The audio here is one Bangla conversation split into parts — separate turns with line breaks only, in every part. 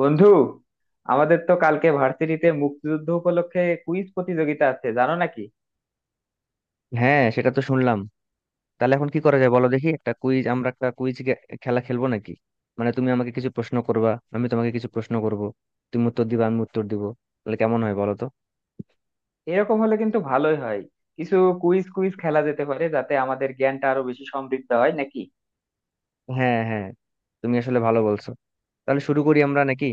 বন্ধু, আমাদের তো কালকে ভার্সিটিতে মুক্তিযুদ্ধ উপলক্ষে কুইজ প্রতিযোগিতা আছে, জানো নাকি?
হ্যাঁ, সেটা তো শুনলাম। তাহলে এখন কি করা যায় বলো দেখি। একটা কুইজ খেলা খেলবো নাকি? মানে তুমি আমাকে কিছু প্রশ্ন করবা, আমি তোমাকে কিছু প্রশ্ন করব। তুমি উত্তর দিবা, আমি উত্তর দিব। তাহলে কেমন হয় বলো তো?
এরকম হলে কিন্তু ভালোই হয়। কিছু কুইজ কুইজ খেলা যেতে পারে যাতে আমাদের জ্ঞানটা আরো বেশি সমৃদ্ধ হয়, নাকি?
হ্যাঁ, হ্যাঁ, তুমি আসলে ভালো বলছো। তাহলে শুরু করি আমরা নাকি?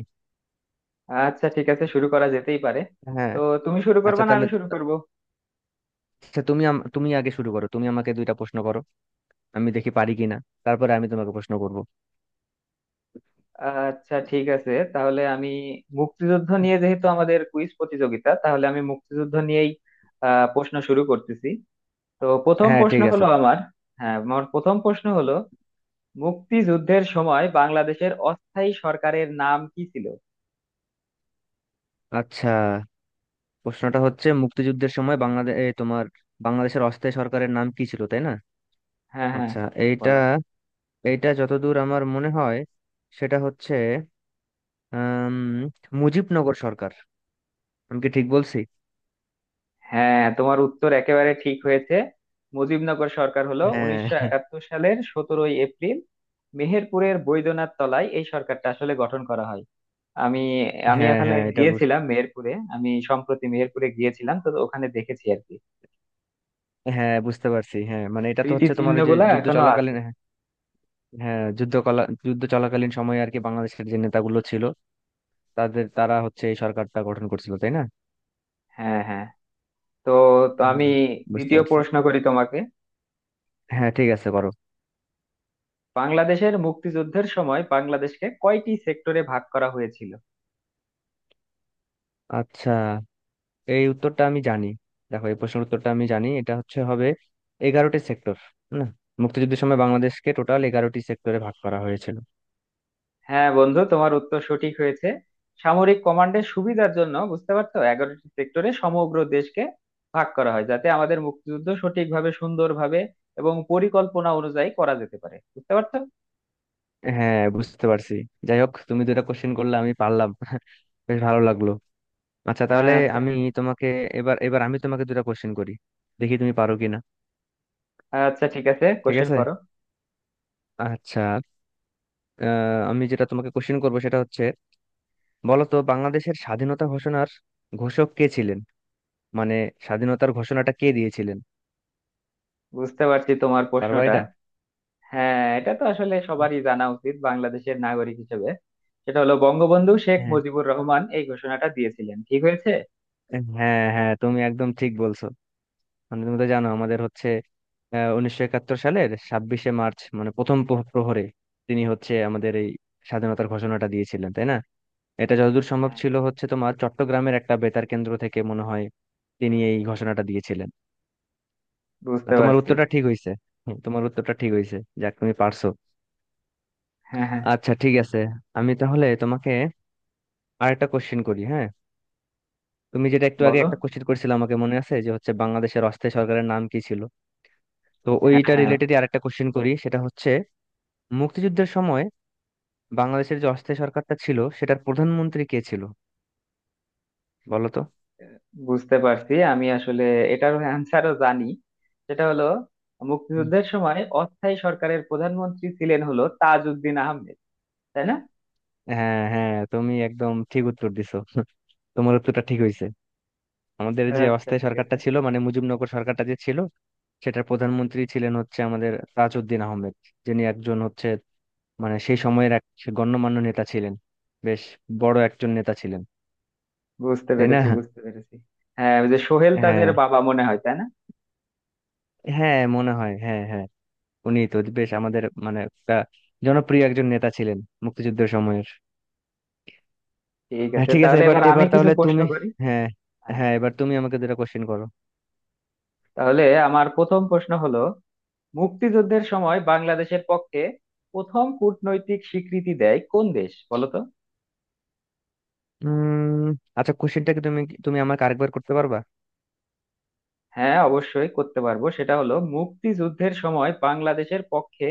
আচ্ছা ঠিক আছে, শুরু করা যেতেই পারে।
হ্যাঁ।
তো তুমি শুরু করবে
আচ্ছা
না
তাহলে,
আমি শুরু করব?
আচ্ছা তুমি তুমি আগে শুরু করো, তুমি আমাকে দুইটা প্রশ্ন করো। আমি দেখি পারি কিনা। তারপরে আমি তোমাকে প্রশ্ন করব।
আচ্ছা ঠিক আছে, তাহলে আমি মুক্তিযুদ্ধ নিয়ে, যেহেতু আমাদের কুইজ প্রতিযোগিতা, তাহলে আমি মুক্তিযুদ্ধ নিয়েই প্রশ্ন শুরু করতেছি। তো প্রথম
হ্যাঁ,
প্রশ্ন
ঠিক আছে।
হলো আমার। হ্যাঁ, আমার প্রথম প্রশ্ন হলো, মুক্তিযুদ্ধের সময় বাংলাদেশের অস্থায়ী সরকারের নাম কি ছিল?
আচ্ছা, প্রশ্নটা হচ্ছে মুক্তিযুদ্ধের সময় তোমার বাংলাদেশের অস্থায়ী সরকারের নাম কি ছিল, তাই না?
হ্যাঁ হ্যাঁ।
আচ্ছা। এইটা
বলো।
এইটা যতদূর আমার মনে হয়, সেটা হচ্ছে আম, মুজিবনগর সরকার। আমি কি ঠিক বলছি?
হ্যাঁ, তোমার উত্তর একেবারে ঠিক হয়েছে। মুজিবনগর সরকার হলো
হ্যাঁ,
1971 সালের 17ই এপ্রিল মেহেরপুরের বৈদ্যনাথ তলায় এই সরকারটা আসলে গঠন করা হয়। আমি আমি
হ্যাঁ,
এখানে
হ্যাঁ, এটা
গিয়েছিলাম, মেহেরপুরে আমি সম্প্রতি মেহেরপুরে গিয়েছিলাম, তো ওখানে দেখেছি আর কি।
হ্যাঁ, বুঝতে পারছি। হ্যাঁ মানে এটা তো
স্মৃতি
হচ্ছে তোমার
চিহ্ন
ওই যে
গুলা
যুদ্ধ
এখনো
চলাকালীন।
আছে।
হ্যাঁ হ্যাঁ, যুদ্ধ চলাকালীন সময়ে আর কি, বাংলাদেশের যে নেতাগুলো ছিল তাদের, তারা হচ্ছে এই সরকারটা গঠন করছিল, তাই না?
হ্যাঁ হ্যাঁ। তো তো আমি
হ্যাঁ, বুঝতে
দ্বিতীয়
পারছি।
প্রশ্ন করি তোমাকে।
হ্যাঁ, ঠিক আছে, করো।
বাংলাদেশের মুক্তিযুদ্ধের সময় বাংলাদেশকে কয়টি সেক্টরে ভাগ করা হয়েছিল?
আচ্ছা, এই উত্তরটা আমি জানি। দেখো, এই প্রশ্নের উত্তরটা আমি জানি। এটা হচ্ছে, হবে 11টি সেক্টর। না, মুক্তিযুদ্ধের সময় বাংলাদেশকে টোটাল 11টি সেক্টরে ভাগ করা হয়েছিল।
হ্যাঁ বন্ধু, তোমার উত্তর সঠিক হয়েছে। সামরিক কমান্ডের সুবিধার জন্য, বুঝতে পারছো, 11টি সেক্টরে সমগ্র দেশকে ভাগ করা হয় যাতে আমাদের মুক্তিযুদ্ধ সঠিকভাবে, সুন্দরভাবে এবং পরিকল্পনা অনুযায়ী করা যেতে পারে, বুঝতে পারছো।
হ্যাঁ, বুঝতে পারছি। যাই হোক, তুমি দুটা কোশ্চেন করলে, আমি পারলাম। বেশ ভালো লাগলো। আচ্ছা তাহলে
আচ্ছা।
তোমাকে আমি তোমাকে দুটা কোশ্চেন করি। দেখি তুমি পারো কিনা।
আচ্ছা ঠিক আছে,
ঠিক
কোশ্চেন
আছে।
করো।
আচ্ছা। আহ, আমি যেটা তোমাকে কোশ্চেন করবো সেটা হচ্ছে, বলো তো বাংলাদেশের স্বাধীনতা ঘোষণার ঘোষক কে ছিলেন? মানে স্বাধীনতার ঘোষণাটা কে দিয়েছিলেন?
বুঝতে পারছি তোমার
পারবা
প্রশ্নটা।
এটা?
হ্যাঁ, এটা তো আসলে সবারই জানা উচিত বাংলাদেশের নাগরিক হিসেবে। সেটা হলো বঙ্গবন্ধু শেখ
হ্যাঁ,
মুজিবুর রহমান এই ঘোষণাটা দিয়েছিলেন। ঠিক হয়েছে?
হ্যাঁ, হ্যাঁ, তুমি একদম ঠিক বলছো। মানে তুমি তো জানো আমাদের হচ্ছে 1971 সালের 26শে মার্চ মানে প্রথম প্রহরে তিনি হচ্ছে আমাদের এই স্বাধীনতার ঘোষণাটা দিয়েছিলেন, তাই না? এটা যতদূর সম্ভব
হ্যাঁ
ছিল হচ্ছে তোমার চট্টগ্রামের একটা বেতার কেন্দ্র থেকে, মনে হয় তিনি এই ঘোষণাটা দিয়েছিলেন। আর
বুঝতে
তোমার
পারছি।
উত্তরটা ঠিক হয়েছে। তোমার উত্তরটা ঠিক হয়েছে। যাক, তুমি পারছো।
হ্যাঁ হ্যাঁ।
আচ্ছা, ঠিক আছে। আমি তাহলে তোমাকে আরেকটা কোশ্চেন করি, হ্যাঁ। তুমি যেটা একটু আগে
বলো।
একটা কোশ্চেন করেছিলে আমাকে, মনে আছে, যে হচ্ছে বাংলাদেশের অস্থায়ী সরকারের নাম কি ছিল। তো
হ্যাঁ
ওইটা
হ্যাঁ,
রিলেটেডই আরেকটা কোশ্চেন করি, সেটা হচ্ছে মুক্তিযুদ্ধের সময় বাংলাদেশের যে অস্থায়ী সরকারটা ছিল সেটার প্রধানমন্ত্রী কে ছিল, বলো তো?
বুঝতে পারছি। আমি আসলে এটার অ্যান্সারও জানি। সেটা হলো,
হুম।
মুক্তিযুদ্ধের সময় অস্থায়ী সরকারের প্রধানমন্ত্রী ছিলেন হলো তাজউদ্দিন আহমেদ। তাই না?
হ্যাঁ, হ্যাঁ, তুমি একদম ঠিক উত্তর দিছো। তোমার উত্তরটা ঠিক হয়েছে। আমাদের যে
আচ্ছা
অস্থায়ী
ঠিক
সরকারটা
আছে।
ছিল মানে মুজিবনগর সরকারটা যে ছিল, সেটার প্রধানমন্ত্রী ছিলেন হচ্ছে আমাদের তাজউদ্দিন আহমেদ। যিনি একজন হচ্ছে মানে সেই সময়ের এক গণ্যমান্য নেতা ছিলেন। বেশ বড় একজন নেতা ছিলেন,
বুঝতে
তাই না?
পেরেছি বুঝতে পেরেছি হ্যাঁ, ওই যে সোহেল তাজের
হ্যাঁ,
বাবা, মনে হয়, তাই না?
হ্যাঁ, মনে হয়, হ্যাঁ, হ্যাঁ। উনি তো বেশ আমাদের মানে একটা জনপ্রিয় একজন নেতা ছিলেন মুক্তিযুদ্ধের সময়ের।
ঠিক
হ্যাঁ,
আছে,
ঠিক আছে।
তাহলে
এবার
এবার আমি
এবার
কিছু
তাহলে
প্রশ্ন
তুমি,
করি।
হ্যাঁ,
হ্যাঁ।
হ্যাঁ, এবার তুমি আমাকে দুটো কোশ্চেন করো।
তাহলে আমার প্রথম প্রশ্ন হলো, মুক্তিযুদ্ধের সময় বাংলাদেশের পক্ষে প্রথম কূটনৈতিক স্বীকৃতি দেয় কোন দেশ, বলো তো?
উম আচ্ছা, কোশ্চেনটা কি? তুমি তুমি আমাকে আরেকবার করতে পারবা?
হ্যাঁ অবশ্যই করতে পারবো। সেটা হলো, মুক্তিযুদ্ধের সময় বাংলাদেশের পক্ষে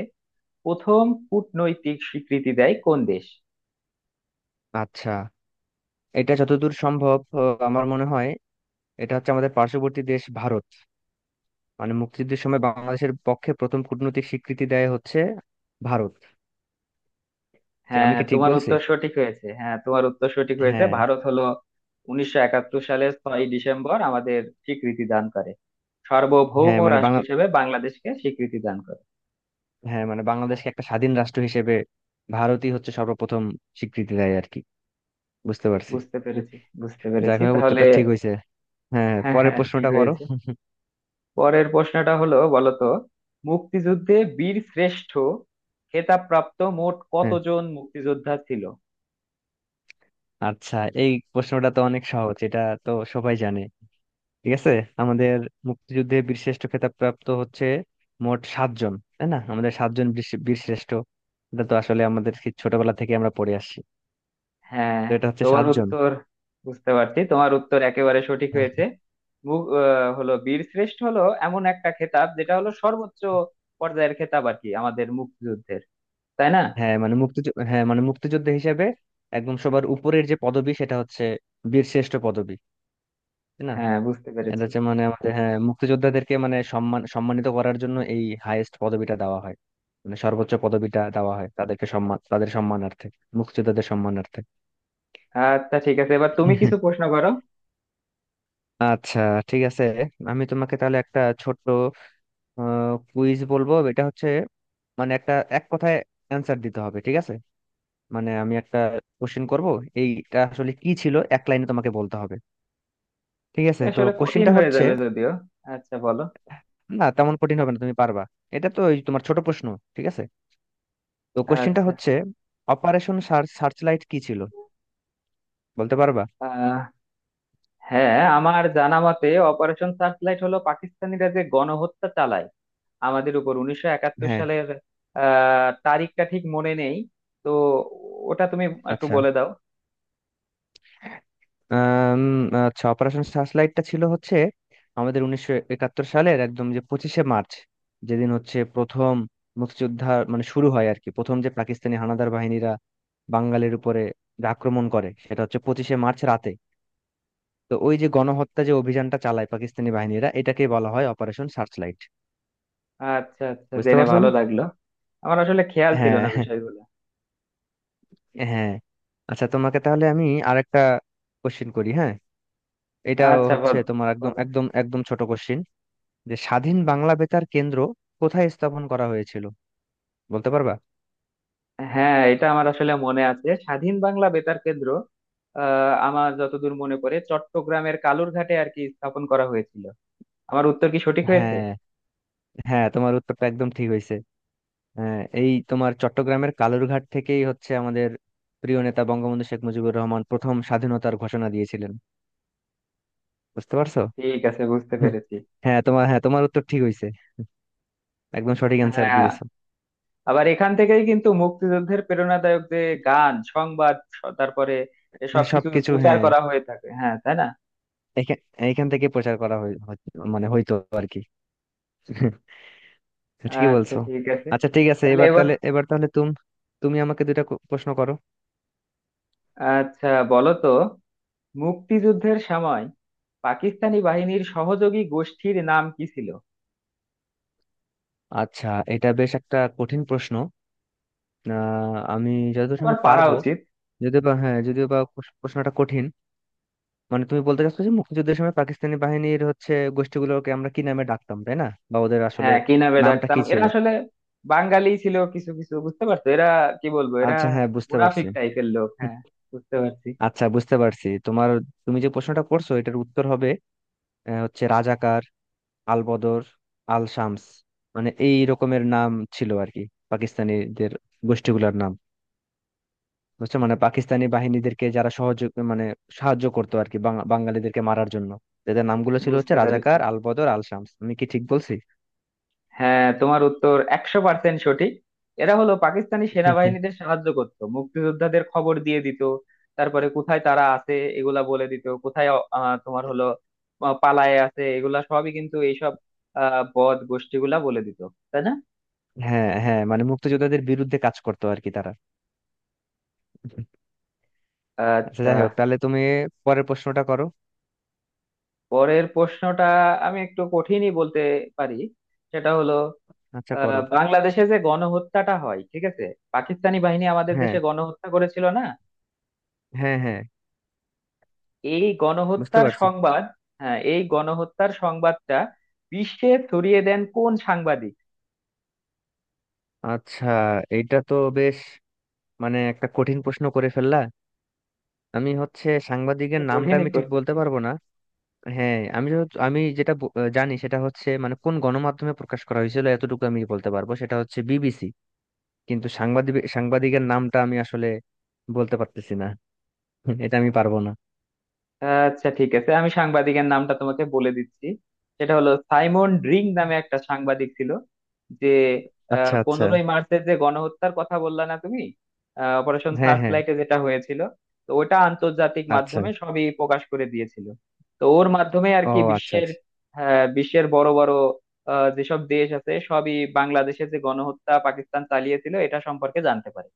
প্রথম কূটনৈতিক স্বীকৃতি দেয় কোন দেশ?
আচ্ছা, এটা যতদূর সম্ভব আমার মনে হয় এটা হচ্ছে আমাদের পার্শ্ববর্তী দেশ ভারত। মানে মুক্তিযুদ্ধের সময় বাংলাদেশের পক্ষে প্রথম কূটনৈতিক স্বীকৃতি দেয় হচ্ছে ভারত। আমি
হ্যাঁ
কি ঠিক
তোমার
বলছি?
উত্তর সঠিক হয়েছে। হ্যাঁ তোমার উত্তর সঠিক হয়েছে।
হ্যাঁ,
ভারত হলো 1971 সালের 6 ডিসেম্বর আমাদের স্বীকৃতি দান করে, সার্বভৌম
হ্যাঁ, মানে
রাষ্ট্র
বাংলা
হিসেবে বাংলাদেশকে স্বীকৃতি দান করে।
হ্যাঁ মানে বাংলাদেশকে একটা স্বাধীন রাষ্ট্র হিসেবে ভারতই হচ্ছে সর্বপ্রথম স্বীকৃতি দেয়, আর কি। বুঝতে পারছি।
বুঝতে পেরেছি বুঝতে
যাই
পেরেছি
হোক,
তাহলে
উত্তরটা ঠিক হয়েছে। হ্যাঁ, হ্যাঁ,
হ্যাঁ
পরের
হ্যাঁ, ঠিক
প্রশ্নটা করো।
হয়েছে। পরের প্রশ্নটা হলো, বলতো মুক্তিযুদ্ধে বীর শ্রেষ্ঠ খেতাবপ্রাপ্ত মোট
হ্যাঁ।
কতজন মুক্তিযোদ্ধা ছিল?
আচ্ছা, এই প্রশ্নটা তো অনেক সহজ। এটা তো সবাই জানে। ঠিক আছে, আমাদের মুক্তিযুদ্ধে বীরশ্রেষ্ঠ খেতাব প্রাপ্ত হচ্ছে মোট সাতজন, তাই না? আমাদের সাতজন বীরশ্রেষ্ঠ। এটা তো আসলে আমাদের সেই ছোটবেলা থেকে আমরা পড়ে আসছি।
হ্যাঁ
তো এটা হচ্ছে
তোমার
সাতজন।
উত্তর, বুঝতে পারছি তোমার উত্তর একেবারে সঠিক
হ্যাঁ,
হয়েছে। হলো বীর শ্রেষ্ঠ হলো এমন একটা খেতাব যেটা হলো সর্বোচ্চ পর্যায়ের খেতাব আর কি আমাদের মুক্তিযুদ্ধের, তাই না?
হ্যাঁ, মানে মুক্তিযুদ্ধ হিসেবে একদম সবার উপরের যে পদবি সেটা হচ্ছে বীরশ্রেষ্ঠ পদবি, তাই না?
হ্যাঁ বুঝতে
এটা
পেরেছি।
হচ্ছে মানে আমাদের, হ্যাঁ, মুক্তিযোদ্ধাদেরকে মানে সম্মান সম্মানিত করার জন্য এই হাইয়েস্ট পদবিটা দেওয়া হয়, মানে সর্বোচ্চ পদবিটা দেওয়া হয় তাদেরকে, সম্মান তাদের সম্মানার্থে, মুক্তিযোদ্ধাদের সম্মানার্থে।
আচ্ছা ঠিক আছে, এবার তুমি কিছু প্রশ্ন করো।
আচ্ছা, ঠিক আছে। আমি তোমাকে তাহলে একটা ছোট্ট কুইজ বলবো। এটা হচ্ছে মানে একটা এক কথায় অ্যান্সার দিতে হবে, ঠিক আছে? মানে আমি একটা কোশ্চেন করব, এইটা আসলে কি ছিল এক লাইনে তোমাকে বলতে হবে। ঠিক আছে।
এটা
তো
আসলে কঠিন
কোশ্চেনটা
হয়ে
হচ্ছে,
যাবে যদিও। আচ্ছা বলো।
না তেমন কঠিন হবে না, তুমি পারবা। এটা তো ওই তোমার ছোট প্রশ্ন। ঠিক আছে। তো কোশ্চেনটা
আচ্ছা।
হচ্ছে অপারেশন সার্চ লাইট কি ছিল? বলতে পারবা?
আহ হ্যাঁ, আমার জানা মতে অপারেশন সার্চলাইট হলো পাকিস্তানিরা যে গণহত্যা চালায় আমাদের উপর 1971
হ্যাঁ,
সালের, তারিখটা ঠিক মনে নেই। তো ওটা তুমি একটু
আচ্ছা
বলে দাও।
আম, আচ্ছা অপারেশন সার্চ লাইটটা ছিল হচ্ছে আমাদের 1971 সালের একদম যে 25শে মার্চ, যেদিন হচ্ছে প্রথম মুক্তিযুদ্ধ মানে শুরু হয় আর কি, প্রথম যে পাকিস্তানি হানাদার বাহিনীরা বাঙালির উপরে যে আক্রমণ করে সেটা হচ্ছে 25শে মার্চ রাতে। তো ওই যে গণহত্যা যে অভিযানটা চালায় পাকিস্তানি বাহিনীরা, এটাকে বলা হয় অপারেশন সার্চ লাইট।
আচ্ছা আচ্ছা,
বুঝতে
জেনে
পারছো
ভালো
না?
লাগলো। আমার আসলে খেয়াল ছিল
হ্যাঁ,
না বিষয়গুলো।
হ্যাঁ। আচ্ছা তোমাকে তাহলে আমি আরেকটা কোশ্চিন করি, হ্যাঁ। এটা
আচ্ছা বল।
হচ্ছে তোমার একদম
বলো।
একদম একদম ছোট কোশ্চিন, যে স্বাধীন বাংলা বেতার কেন্দ্র কোথায় স্থাপন করা হয়েছিল? বলতে পারবা?
হ্যাঁ এটা আমার আসলে মনে আছে, স্বাধীন বাংলা বেতার কেন্দ্র, আমার যতদূর মনে পড়ে চট্টগ্রামের কালুরঘাটে আর কি স্থাপন করা হয়েছিল। আমার উত্তর কি সঠিক হয়েছে?
হ্যাঁ, হ্যাঁ, তোমার উত্তরটা একদম ঠিক হয়েছে। হ্যাঁ, এই তোমার চট্টগ্রামের কালুরঘাট থেকেই হচ্ছে আমাদের প্রিয় নেতা বঙ্গবন্ধু শেখ মুজিবুর রহমান প্রথম স্বাধীনতার ঘোষণা দিয়েছিলেন। বুঝতে পারছো?
ঠিক আছে, বুঝতে পেরেছি।
হ্যাঁ তোমার উত্তর ঠিক হয়েছে। একদম সঠিক অ্যান্সার
হ্যাঁ,
দিয়েছো।
আবার এখান থেকেই কিন্তু মুক্তিযুদ্ধের প্রেরণাদায়ক যে গান, সংবাদ, তারপরে এসব
হ্যাঁ,
কিছু
সবকিছু
প্রচার
হ্যাঁ,
করা হয়ে থাকে, হ্যাঁ তাই না?
এখান এখান থেকে প্রচার করা হয়। মানে হইতো, আর কি। ঠিকই
আচ্ছা
বলছো।
ঠিক আছে,
আচ্ছা, ঠিক আছে।
তাহলে
এবার
এবার।
তাহলে এবার তাহলে তুমি আমাকে দুইটা প্রশ্ন করো।
আচ্ছা বলো তো, মুক্তিযুদ্ধের সময় পাকিস্তানি বাহিনীর সহযোগী গোষ্ঠীর নাম কি ছিল?
আচ্ছা, এটা বেশ একটা কঠিন প্রশ্ন। আমি যতদূর
তোমার
সময়
পারা
পারবো।
উচিত।
যদিও বা প্রশ্নটা কঠিন। মানে তুমি বলতে চাচ্ছো যে মুক্তিযুদ্ধের সময় পাকিস্তানি বাহিনীর হচ্ছে গোষ্ঠীগুলোকে আমরা কি নামে ডাকতাম, তাই না? বা ওদের আসলে
হ্যাঁ, কি নামে
নামটা
ডাকতাম,
কি
এরা
ছিল?
আসলে বাঙালি ছিল কিছু কিছু, বুঝতে পারছো, এরা কি বলবো, এরা
আচ্ছা, হ্যাঁ, বুঝতে
মুনাফিক
পারছি।
টাইপের লোক,
হুম,
হ্যাঁ। বুঝতে পারছি।
আচ্ছা, বুঝতে পারছি তোমার। তুমি যে প্রশ্নটা করছো এটার উত্তর হবে হচ্ছে রাজাকার, আল বদর, আল শামস। মানে এই রকমের নাম ছিল আর কি, পাকিস্তানিদের গোষ্ঠীগুলোর নাম। বুঝছো, মানে পাকিস্তানি বাহিনীদেরকে যারা সহযোগ মানে সাহায্য করতো আর কি, বাঙালিদেরকে মারার জন্য। তাদের নামগুলো ছিল হচ্ছে
বুঝতে পেরেছি।
রাজাকার, আল বদর, আল শামস। আমি কি ঠিক বলছি?
হ্যাঁ, তোমার উত্তর 100% সঠিক। এরা হলো পাকিস্তানি সেনাবাহিনীদের সাহায্য করত, মুক্তিযোদ্ধাদের খবর দিয়ে দিত, তারপরে কোথায় তারা আছে এগুলা বলে দিত, কোথায় তোমার হলো পালায়ে আছে এগুলা সবই, কিন্তু এইসব বদ গোষ্ঠীগুলা বলে দিত, তাই না?
হ্যাঁ, হ্যাঁ, মানে মুক্তিযোদ্ধাদের বিরুদ্ধে কাজ করতো আর কি তারা। আচ্ছা,
আচ্ছা।
যাই হোক তাহলে তুমি পরের প্রশ্নটা করো।
পরের প্রশ্নটা আমি একটু কঠিনই বলতে পারি। সেটা হলো,
আচ্ছা, করো।
বাংলাদেশে যে গণহত্যাটা হয়, ঠিক আছে, পাকিস্তানি বাহিনী আমাদের
হ্যাঁ,
দেশে গণহত্যা করেছিল না,
হ্যাঁ, হ্যাঁ,
এই
বুঝতে
গণহত্যার
পারছি।
সংবাদ, হ্যাঁ, এই গণহত্যার সংবাদটা বিশ্বে ছড়িয়ে দেন কোন সাংবাদিক?
আচ্ছা, এইটা তো বেশ মানে একটা কঠিন প্রশ্ন করে ফেললা। আমি হচ্ছে
একটু
সাংবাদিকের নামটা
কঠিনই
আমি ঠিক বলতে
করতেছি।
পারবো না। হ্যাঁ, আমি যেটা জানি সেটা হচ্ছে মানে কোন গণমাধ্যমে প্রকাশ করা হয়েছিল এতটুকু আমি বলতে পারবো, সেটা হচ্ছে বিবিসি। কিন্তু সাংবাদিকের নামটা আমি আসলে বলতে পারতেছি না। এটা আমি পারবো না।
আচ্ছা ঠিক আছে, আমি সাংবাদিকের নামটা তোমাকে বলে দিচ্ছি। সেটা হলো, সাইমন ড্রিং নামে একটা সাংবাদিক ছিল, যে
আচ্ছা, আচ্ছা,
15ই মার্চের যে গণহত্যার কথা বললা না তুমি, অপারেশন
হ্যাঁ,
সার্চ
হ্যাঁ,
লাইটে যেটা হয়েছিল, তো ওটা আন্তর্জাতিক
আচ্ছা।
মাধ্যমে সবই প্রকাশ করে দিয়েছিল। তো ওর মাধ্যমে আর
ও
কি
আচ্ছা,
বিশ্বের,
আচ্ছা।
বিশ্বের বড় বড় যেসব দেশ আছে সবই বাংলাদেশে যে গণহত্যা পাকিস্তান চালিয়েছিল এটা সম্পর্কে জানতে পারে।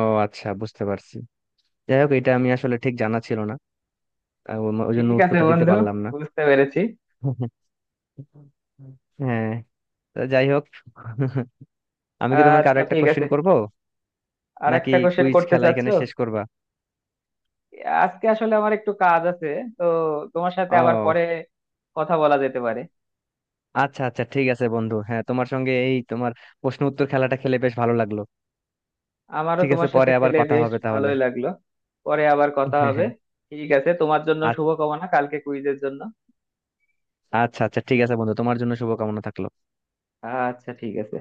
ও আচ্ছা, বুঝতে পারছি। যাই হোক, এটা আমি আসলে ঠিক জানা ছিল না। ওই ওই জন্য
ঠিক আছে
উত্তরটা দিতে
বন্ধু,
পারলাম না।
বুঝতে পেরেছি।
হ্যাঁ, তো যাই হোক। আমি কি তোমাকে আরো
আচ্ছা
একটা
ঠিক আছে,
কোশ্চেন করবো?
আর
নাকি
একটা কোশ্চেন
কুইজ
করতে
খেলা এখানে
চাচ্ছো?
শেষ করবা?
আজকে আসলে আমার একটু কাজ আছে, তো তোমার সাথে আবার
ও
পরে কথা বলা যেতে পারে।
আচ্ছা, আচ্ছা, ঠিক আছে বন্ধু, হ্যাঁ, তোমার সঙ্গে এই তোমার প্রশ্ন উত্তর খেলাটা খেলে বেশ ভালো লাগলো।
আমারও
ঠিক আছে,
তোমার সাথে
পরে আবার
খেলে
কথা
বেশ
হবে তাহলে।
ভালোই লাগলো। পরে আবার কথা
হ্যাঁ,
হবে।
হ্যাঁ,
ঠিক আছে, তোমার জন্য শুভকামনা কালকে কুইজের জন্য।
আচ্ছা, আচ্ছা, আচ্ছা, ঠিক আছে বন্ধু, তোমার জন্য শুভকামনা থাকলো।
আচ্ছা ঠিক আছে।